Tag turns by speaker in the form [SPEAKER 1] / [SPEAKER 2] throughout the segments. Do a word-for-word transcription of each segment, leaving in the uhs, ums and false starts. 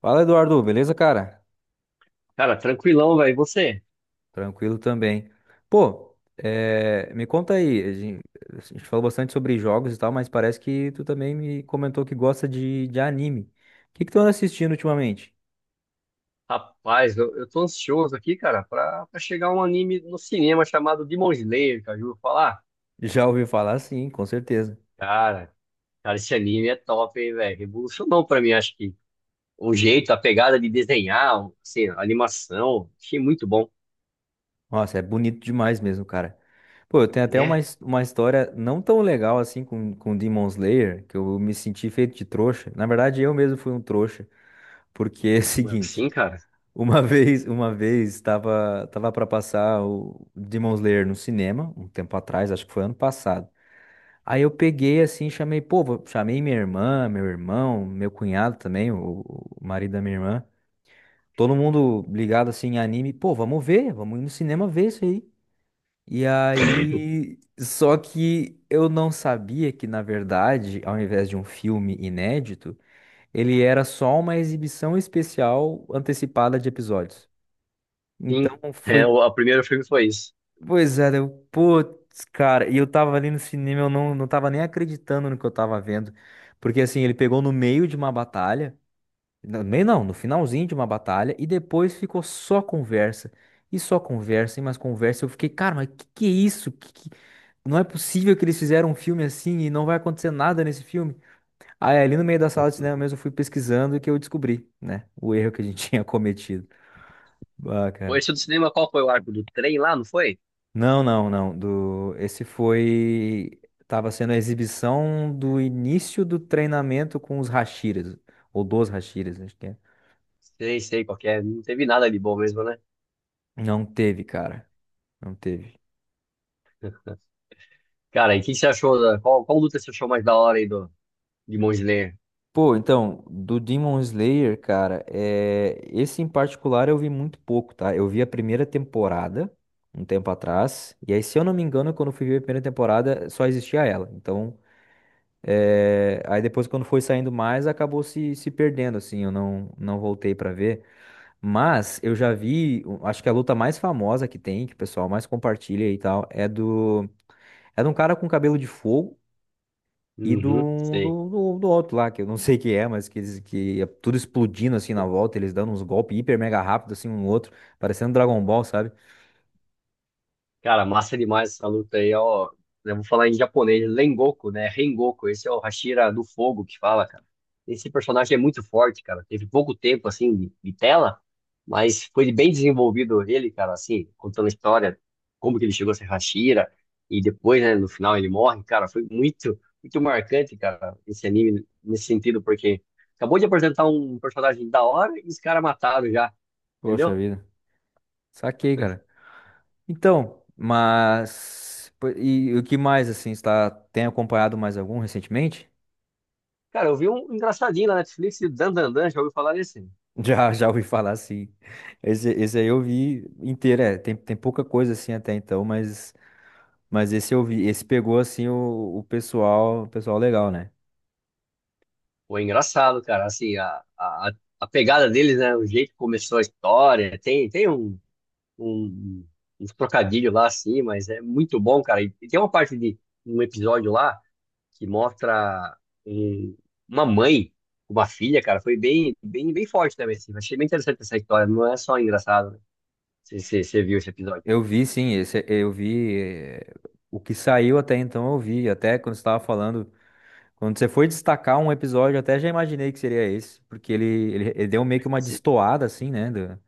[SPEAKER 1] Fala, Eduardo, beleza, cara?
[SPEAKER 2] Cara, tranquilão, velho. E você?
[SPEAKER 1] Tranquilo também. Pô, eh, me conta aí, a gen- a gente falou bastante sobre jogos e tal, mas parece que tu também me comentou que gosta de, de anime. O que que tu anda assistindo ultimamente?
[SPEAKER 2] Rapaz, eu, eu tô ansioso aqui, cara, pra, pra chegar um anime no cinema chamado Demon Slayer, cara. Já ouviu falar?
[SPEAKER 1] Já ouvi falar, sim, com certeza.
[SPEAKER 2] Cara, cara, esse anime é top, hein, velho. Revolucionou pra mim, acho que. O jeito, a pegada de desenhar, assim, a animação. Achei muito bom,
[SPEAKER 1] Nossa, é bonito demais mesmo, cara. Pô, eu tenho até uma,
[SPEAKER 2] né?
[SPEAKER 1] his- uma história não tão legal assim com, com Demon Slayer, que eu me senti feito de trouxa. Na verdade, eu mesmo fui um trouxa, porque é o
[SPEAKER 2] Como
[SPEAKER 1] seguinte.
[SPEAKER 2] assim, cara?
[SPEAKER 1] Uma vez, uma vez estava tava para passar o Demon Slayer no cinema, um tempo atrás, acho que foi ano passado. Aí eu peguei assim, chamei, pô, vou- chamei minha irmã, meu irmão, meu cunhado também, o, o marido da minha irmã, todo mundo ligado assim em anime, pô, vamos ver, vamos ir no cinema ver isso aí. E aí, só que eu não sabia que na verdade, ao invés de um filme inédito, ele era só uma exibição especial antecipada de episódios. Então
[SPEAKER 2] Sim. É,
[SPEAKER 1] foi.
[SPEAKER 2] o, o primeiro filme foi isso.
[SPEAKER 1] Pois é, eu, putz, cara, e eu tava ali no cinema, eu não, não tava nem acreditando no que eu tava vendo. Porque assim, ele pegou no meio de uma batalha, no meio não, no finalzinho de uma batalha, e depois ficou só conversa. E só conversa, e mais conversa. Eu fiquei, cara, mas que que é isso? Que, que- Não é possível que eles fizeram um filme assim e não vai acontecer nada nesse filme. Aí ali no meio da sala de cinema mesmo eu fui pesquisando e que eu descobri, né, o erro que a gente tinha cometido. Ah,
[SPEAKER 2] Foi
[SPEAKER 1] cara.
[SPEAKER 2] esse do cinema, qual foi o arco do trem lá, não foi?
[SPEAKER 1] Não, não, não. Do... Esse foi. Tava sendo a exibição do início do treinamento com os Hashiras. Ou dos Hashiras, acho que é.
[SPEAKER 2] Sei, sei qual que é. Não teve nada de bom mesmo, né?
[SPEAKER 1] Não teve, cara. Não teve.
[SPEAKER 2] Cara, e o que você achou? Da, qual, qual luta você achou mais da hora aí do, Demon Slayer.
[SPEAKER 1] Pô, então, do Demon Slayer, cara, é... esse em particular eu vi muito pouco, tá? Eu vi a primeira temporada, um tempo atrás. E aí, se eu não me engano, quando eu fui ver a primeira temporada, só existia ela. Então. é, Aí depois, quando foi saindo mais, acabou se, se perdendo, assim. Eu não, não voltei pra ver. Mas eu já vi, eu acho que a luta mais famosa que tem, que o pessoal mais compartilha e tal, é do. É de um cara com cabelo de fogo e
[SPEAKER 2] Uhum,
[SPEAKER 1] do,
[SPEAKER 2] sei.
[SPEAKER 1] do, do, do outro lá, que eu não sei quem é, mas que eles que é tudo explodindo assim na volta, eles dando uns golpes hiper mega rápido assim um no outro, parecendo Dragon Ball, sabe?
[SPEAKER 2] Cara, massa demais essa luta aí, ó. Eu vou falar em japonês, Rengoku, né? Rengoku, esse é o Hashira do Fogo que fala, cara. Esse personagem é muito forte, cara. Teve pouco tempo, assim, de, de tela, mas foi bem desenvolvido ele, cara, assim, contando a história, como que ele chegou a ser Hashira, e depois, né, no final ele morre, cara. Foi muito, muito marcante, cara, esse anime, nesse sentido, porque acabou de apresentar um personagem da hora e os caras mataram já,
[SPEAKER 1] Poxa
[SPEAKER 2] entendeu?
[SPEAKER 1] vida. Saquei, cara. Então, mas. pô, E, e o que mais, assim, está, tem acompanhado mais algum recentemente?
[SPEAKER 2] Cara, eu vi um engraçadinho na Netflix, Dan Dan Dan, já ouviu falar nesse?
[SPEAKER 1] Já, já ouvi falar, sim. Esse, esse aí eu vi inteiro, é. Tem, tem pouca coisa assim até então, mas, mas esse eu vi. Esse pegou assim o, o pessoal, o pessoal legal, né?
[SPEAKER 2] Pô, é engraçado, cara, assim, a, a, a pegada deles, né, o jeito que começou a história, tem, tem um, um, uns trocadilhos lá, assim, mas é muito bom, cara, e tem uma parte de um episódio lá que mostra um- uma mãe, uma filha, cara, foi bem, bem, bem forte também, assim, achei bem interessante essa história, não é só engraçado, né, você você- você viu esse episódio.
[SPEAKER 1] Eu vi, sim, esse eu vi. eh, O que saiu até então eu vi. Até quando você estava falando, quando você foi destacar um episódio, eu até já imaginei que seria esse, porque ele, ele, ele deu meio que uma
[SPEAKER 2] Cê-
[SPEAKER 1] destoada, assim, né? Do,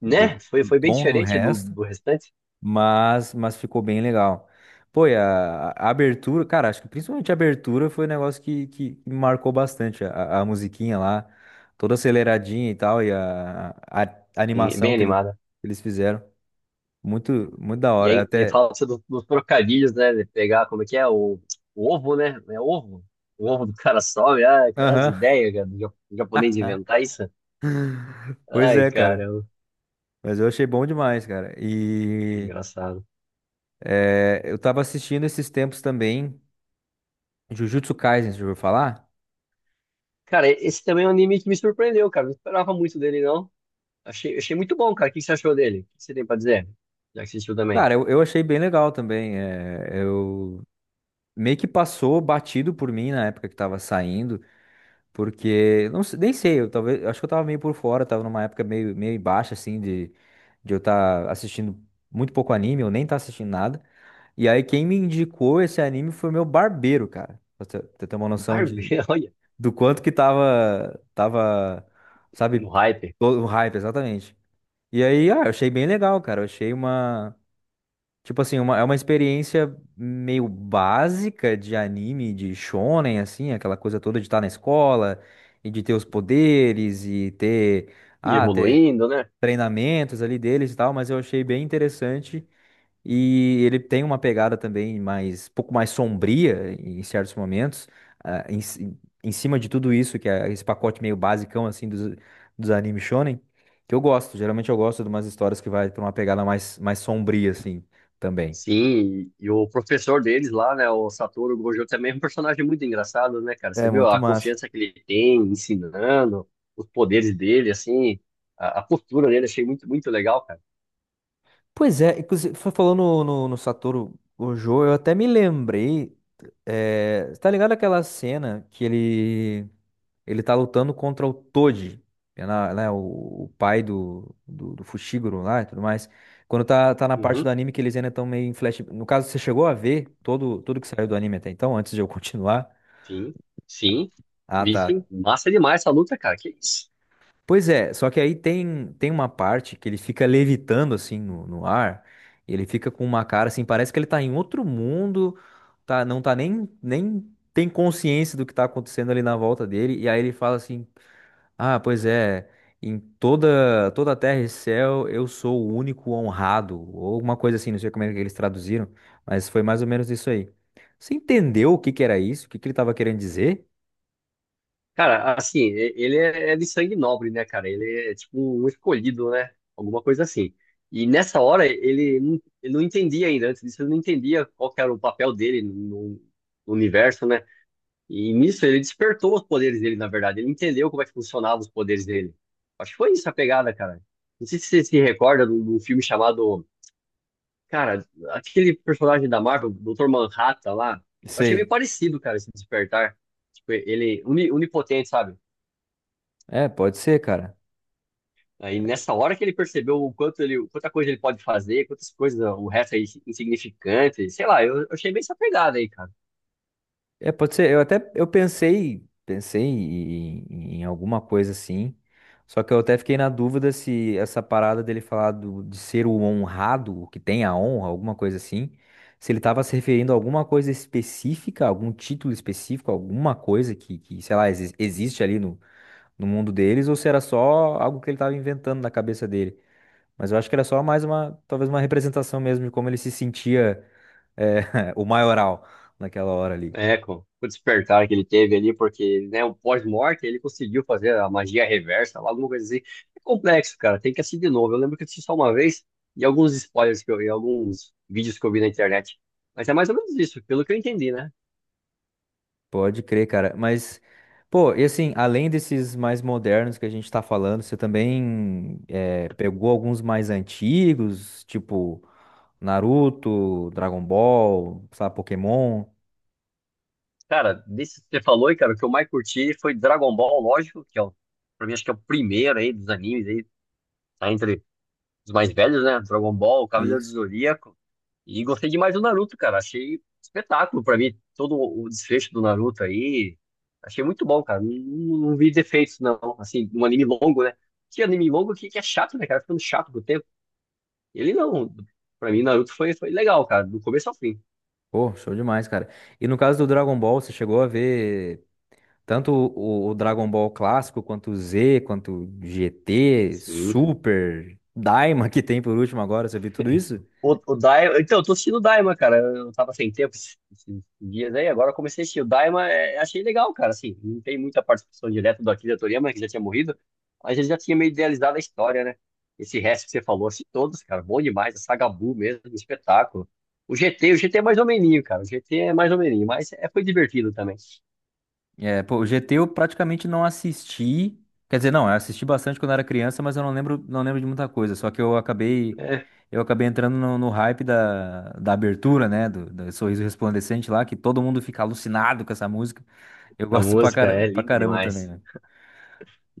[SPEAKER 2] né,
[SPEAKER 1] do,
[SPEAKER 2] foi,
[SPEAKER 1] do
[SPEAKER 2] foi bem
[SPEAKER 1] tom do
[SPEAKER 2] diferente do,
[SPEAKER 1] resto.
[SPEAKER 2] do restante.
[SPEAKER 1] Mas, mas ficou bem legal. Pô, e a, a abertura, cara, acho que principalmente a abertura foi um negócio que, que me marcou bastante. A, a musiquinha lá, toda aceleradinha e tal, e a, a- a
[SPEAKER 2] Sim,
[SPEAKER 1] animação
[SPEAKER 2] bem
[SPEAKER 1] que, ele, que
[SPEAKER 2] animada.
[SPEAKER 1] eles fizeram. Muito, muito da
[SPEAKER 2] E
[SPEAKER 1] hora.
[SPEAKER 2] aí, e
[SPEAKER 1] Até.
[SPEAKER 2] fala-se do- dos trocadilhos, né? De pegar, como é que é? O, o ovo, né? É ovo? O ovo do cara sobe. Ah, cara, as
[SPEAKER 1] Aham.
[SPEAKER 2] ideias, cara, do ja- do japonês inventar isso.
[SPEAKER 1] Pois
[SPEAKER 2] Ai,
[SPEAKER 1] é,
[SPEAKER 2] cara,
[SPEAKER 1] cara.
[SPEAKER 2] eu-
[SPEAKER 1] Mas eu achei bom demais, cara. E
[SPEAKER 2] engraçado.
[SPEAKER 1] é, eu tava assistindo esses tempos também, Jujutsu Kaisen, você já ouviu falar?
[SPEAKER 2] Cara, esse também é um anime que me surpreendeu, cara. Não esperava muito dele, não. Achei, achei muito bom, cara. O que você achou dele? O que você tem pra dizer? Já que assistiu também.
[SPEAKER 1] Cara, eu, eu achei bem legal também. é, eu meio que passou batido por mim na época que tava saindo, porque não, se- nem sei, eu talvez, acho que eu tava meio por fora, tava numa época meio meio baixa assim de de eu estar assistindo muito pouco anime, eu nem tá assistindo nada. E aí quem me indicou esse anime foi o meu barbeiro, cara. Pra você você ter uma noção de
[SPEAKER 2] Barbeiro, olha,
[SPEAKER 1] do quanto que tava tava, sabe,
[SPEAKER 2] no hype.
[SPEAKER 1] todo o hype exatamente. E aí, ah, eu achei bem legal, cara. Eu achei uma. Tipo assim, uma, é uma experiência meio básica de anime, de shonen, assim, aquela coisa toda de estar na escola e de ter os poderes e ter,
[SPEAKER 2] E
[SPEAKER 1] ah, ter
[SPEAKER 2] evoluindo, né?
[SPEAKER 1] treinamentos ali deles e tal, mas eu achei bem interessante e ele tem uma pegada também mais, um pouco mais sombria em certos momentos, ah, em, ci- em cima de tudo isso, que é esse pacote meio basicão, assim, dos, dos animes shonen, que eu gosto, geralmente eu gosto de umas histórias que vai pra uma pegada mais, mais sombria, assim, também.
[SPEAKER 2] Sim, e e o professor deles lá, né, o Satoru Gojo, também é um personagem muito engraçado, né, cara?
[SPEAKER 1] É
[SPEAKER 2] Você viu
[SPEAKER 1] muito
[SPEAKER 2] a
[SPEAKER 1] massa.
[SPEAKER 2] confiança que ele tem ensinando, os poderes dele, assim, a, a postura dele, achei muito, muito legal, cara.
[SPEAKER 1] Pois é, inclusive, foi falando no, no, no Satoru Gojo, eu até me lembrei. É, tá ligado aquela cena que ele ele tá lutando contra o Toji, é na- né, o, o pai do, do, do Fushiguro lá e tudo mais. Quando tá, tá na parte do
[SPEAKER 2] Uhum,
[SPEAKER 1] anime que eles ainda estão meio em flash. No caso, você chegou a ver todo, tudo que saiu do anime até então, antes de eu continuar?
[SPEAKER 2] sim, sim,
[SPEAKER 1] Ah,
[SPEAKER 2] vi
[SPEAKER 1] tá.
[SPEAKER 2] sim. Massa demais essa luta, cara, que isso.
[SPEAKER 1] Pois é, só que aí tem, tem uma parte que ele fica levitando assim no, no ar, e ele fica com uma cara assim, parece que ele tá em outro mundo, tá, não tá nem, nem tem consciência do que tá acontecendo ali na volta dele, e aí ele fala assim: ah, pois é, em toda, toda a terra e céu eu sou o único honrado, ou alguma coisa assim, não sei como é que eles traduziram, mas foi mais ou menos isso aí. Você entendeu o que que era isso? O que que ele tava querendo dizer?
[SPEAKER 2] Cara, assim, e- ele é é de sangue nobre, né, cara? Ele é tipo um escolhido, né? Alguma coisa assim. E nessa hora, ele não, ele não entendia ainda, antes disso, ele não entendia qual que era o papel dele no no universo, né? E nisso ele despertou os poderes dele, na verdade. Ele entendeu como é que funcionavam os poderes dele. Acho que foi isso a pegada, cara. Não sei se você se recorda de um de um filme chamado. Cara, aquele personagem da Marvel, doutor Manhattan lá. Eu achei meio
[SPEAKER 1] Sei.
[SPEAKER 2] parecido, cara, esse despertar. Tipo, ele uni- onipotente, sabe?
[SPEAKER 1] É, pode ser, cara.
[SPEAKER 2] Aí nessa hora que ele percebeu o quanto ele, quanta coisa ele pode fazer, quantas coisas, o resto é insignificante. Sei lá, eu, eu achei bem essa pegada aí, cara.
[SPEAKER 1] É, pode ser. Eu até eu pensei, pensei em, em- em alguma coisa assim. Só que eu até fiquei na dúvida se essa parada dele falar do- de ser o honrado, o que tem a honra, alguma coisa assim, se ele estava se referindo a alguma coisa específica, algum título específico, alguma coisa que, que, sei lá, exi- existe ali no, no mundo deles, ou se era só algo que ele estava inventando na cabeça dele. Mas eu acho que era só mais uma, talvez uma representação mesmo de como ele se sentia, eh, o maioral naquela hora ali.
[SPEAKER 2] É, com com o despertar que ele teve ali, porque, né, o pós-morte ele conseguiu fazer a magia reversa, lá, alguma coisa assim. É complexo, cara, tem que assistir de novo. Eu lembro que eu assisti só uma vez e alguns spoilers que eu vi, alguns vídeos que eu vi na internet. Mas é mais ou menos isso, pelo que eu entendi, né?
[SPEAKER 1] Pode crer, cara. Mas, pô, e assim, além desses mais modernos que a gente tá falando, você também eh, pegou alguns mais antigos, tipo Naruto, Dragon Ball, sabe, Pokémon?
[SPEAKER 2] Cara, desse que você falou, aí, cara, o que eu mais curti foi Dragon Ball, lógico, que é, o- pra mim, acho que é o primeiro aí dos animes aí, tá entre os mais velhos, né? Dragon Ball, Cavaleiro do
[SPEAKER 1] Isso.
[SPEAKER 2] Zodíaco. E gostei demais do Naruto, cara. Achei espetáculo pra mim todo o desfecho do Naruto aí. Achei muito bom, cara. Não, não vi defeitos, não. Assim, um anime longo, né? Que anime longo que, que é chato, né, cara? Ficando chato com o tempo. Ele não. Pra mim, Naruto foi, foi legal, cara, do começo ao fim.
[SPEAKER 1] Pô, show demais, cara. E no caso do Dragon Ball, você chegou a ver tanto o, o Dragon Ball clássico, quanto o Z, quanto o G T,
[SPEAKER 2] Sim.
[SPEAKER 1] Super, Daima, que tem por último agora, você viu tudo isso?
[SPEAKER 2] O, o Daima. Então, eu tô assistindo o Daima, cara. Eu tava sem tempo esses, esses dias aí, agora eu comecei a assistir. O Daima, é, achei legal, cara. Assim, não tem muita participação direta do Akira Toriyama, que já tinha morrido, mas ele já tinha meio idealizado a história, né? Esse resto que você falou, assim, todos, cara, bom demais. A Saga Buu mesmo, um espetáculo. O G T, o G T é mais ou meninho, cara. O G T é mais ou meninho, mas é, foi divertido também.
[SPEAKER 1] É, pô, o G T eu praticamente não assisti. Quer dizer, não, eu assisti bastante quando era criança, mas eu não lembro, não lembro de muita coisa. Só que eu acabei,
[SPEAKER 2] É,
[SPEAKER 1] eu acabei entrando no, no hype da, da abertura, né? Do, do Sorriso Resplandecente lá, que todo mundo fica alucinado com essa música. Eu
[SPEAKER 2] a
[SPEAKER 1] gosto pra,
[SPEAKER 2] música
[SPEAKER 1] cara,
[SPEAKER 2] é
[SPEAKER 1] pra
[SPEAKER 2] linda
[SPEAKER 1] caramba também,
[SPEAKER 2] demais.
[SPEAKER 1] né?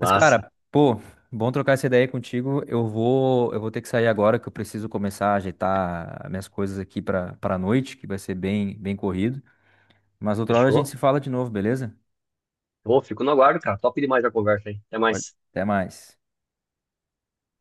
[SPEAKER 1] Mas, cara, pô, bom trocar essa ideia contigo. Eu vou, eu vou ter que sair agora, que eu preciso começar a ajeitar minhas coisas aqui pra, pra noite, que vai ser bem, bem corrido. Mas outra hora a gente
[SPEAKER 2] Fechou?
[SPEAKER 1] se fala de novo, beleza?
[SPEAKER 2] Pô, fico no aguardo, cara. Top demais a conversa aí. Até
[SPEAKER 1] Pode.
[SPEAKER 2] mais.
[SPEAKER 1] Até mais.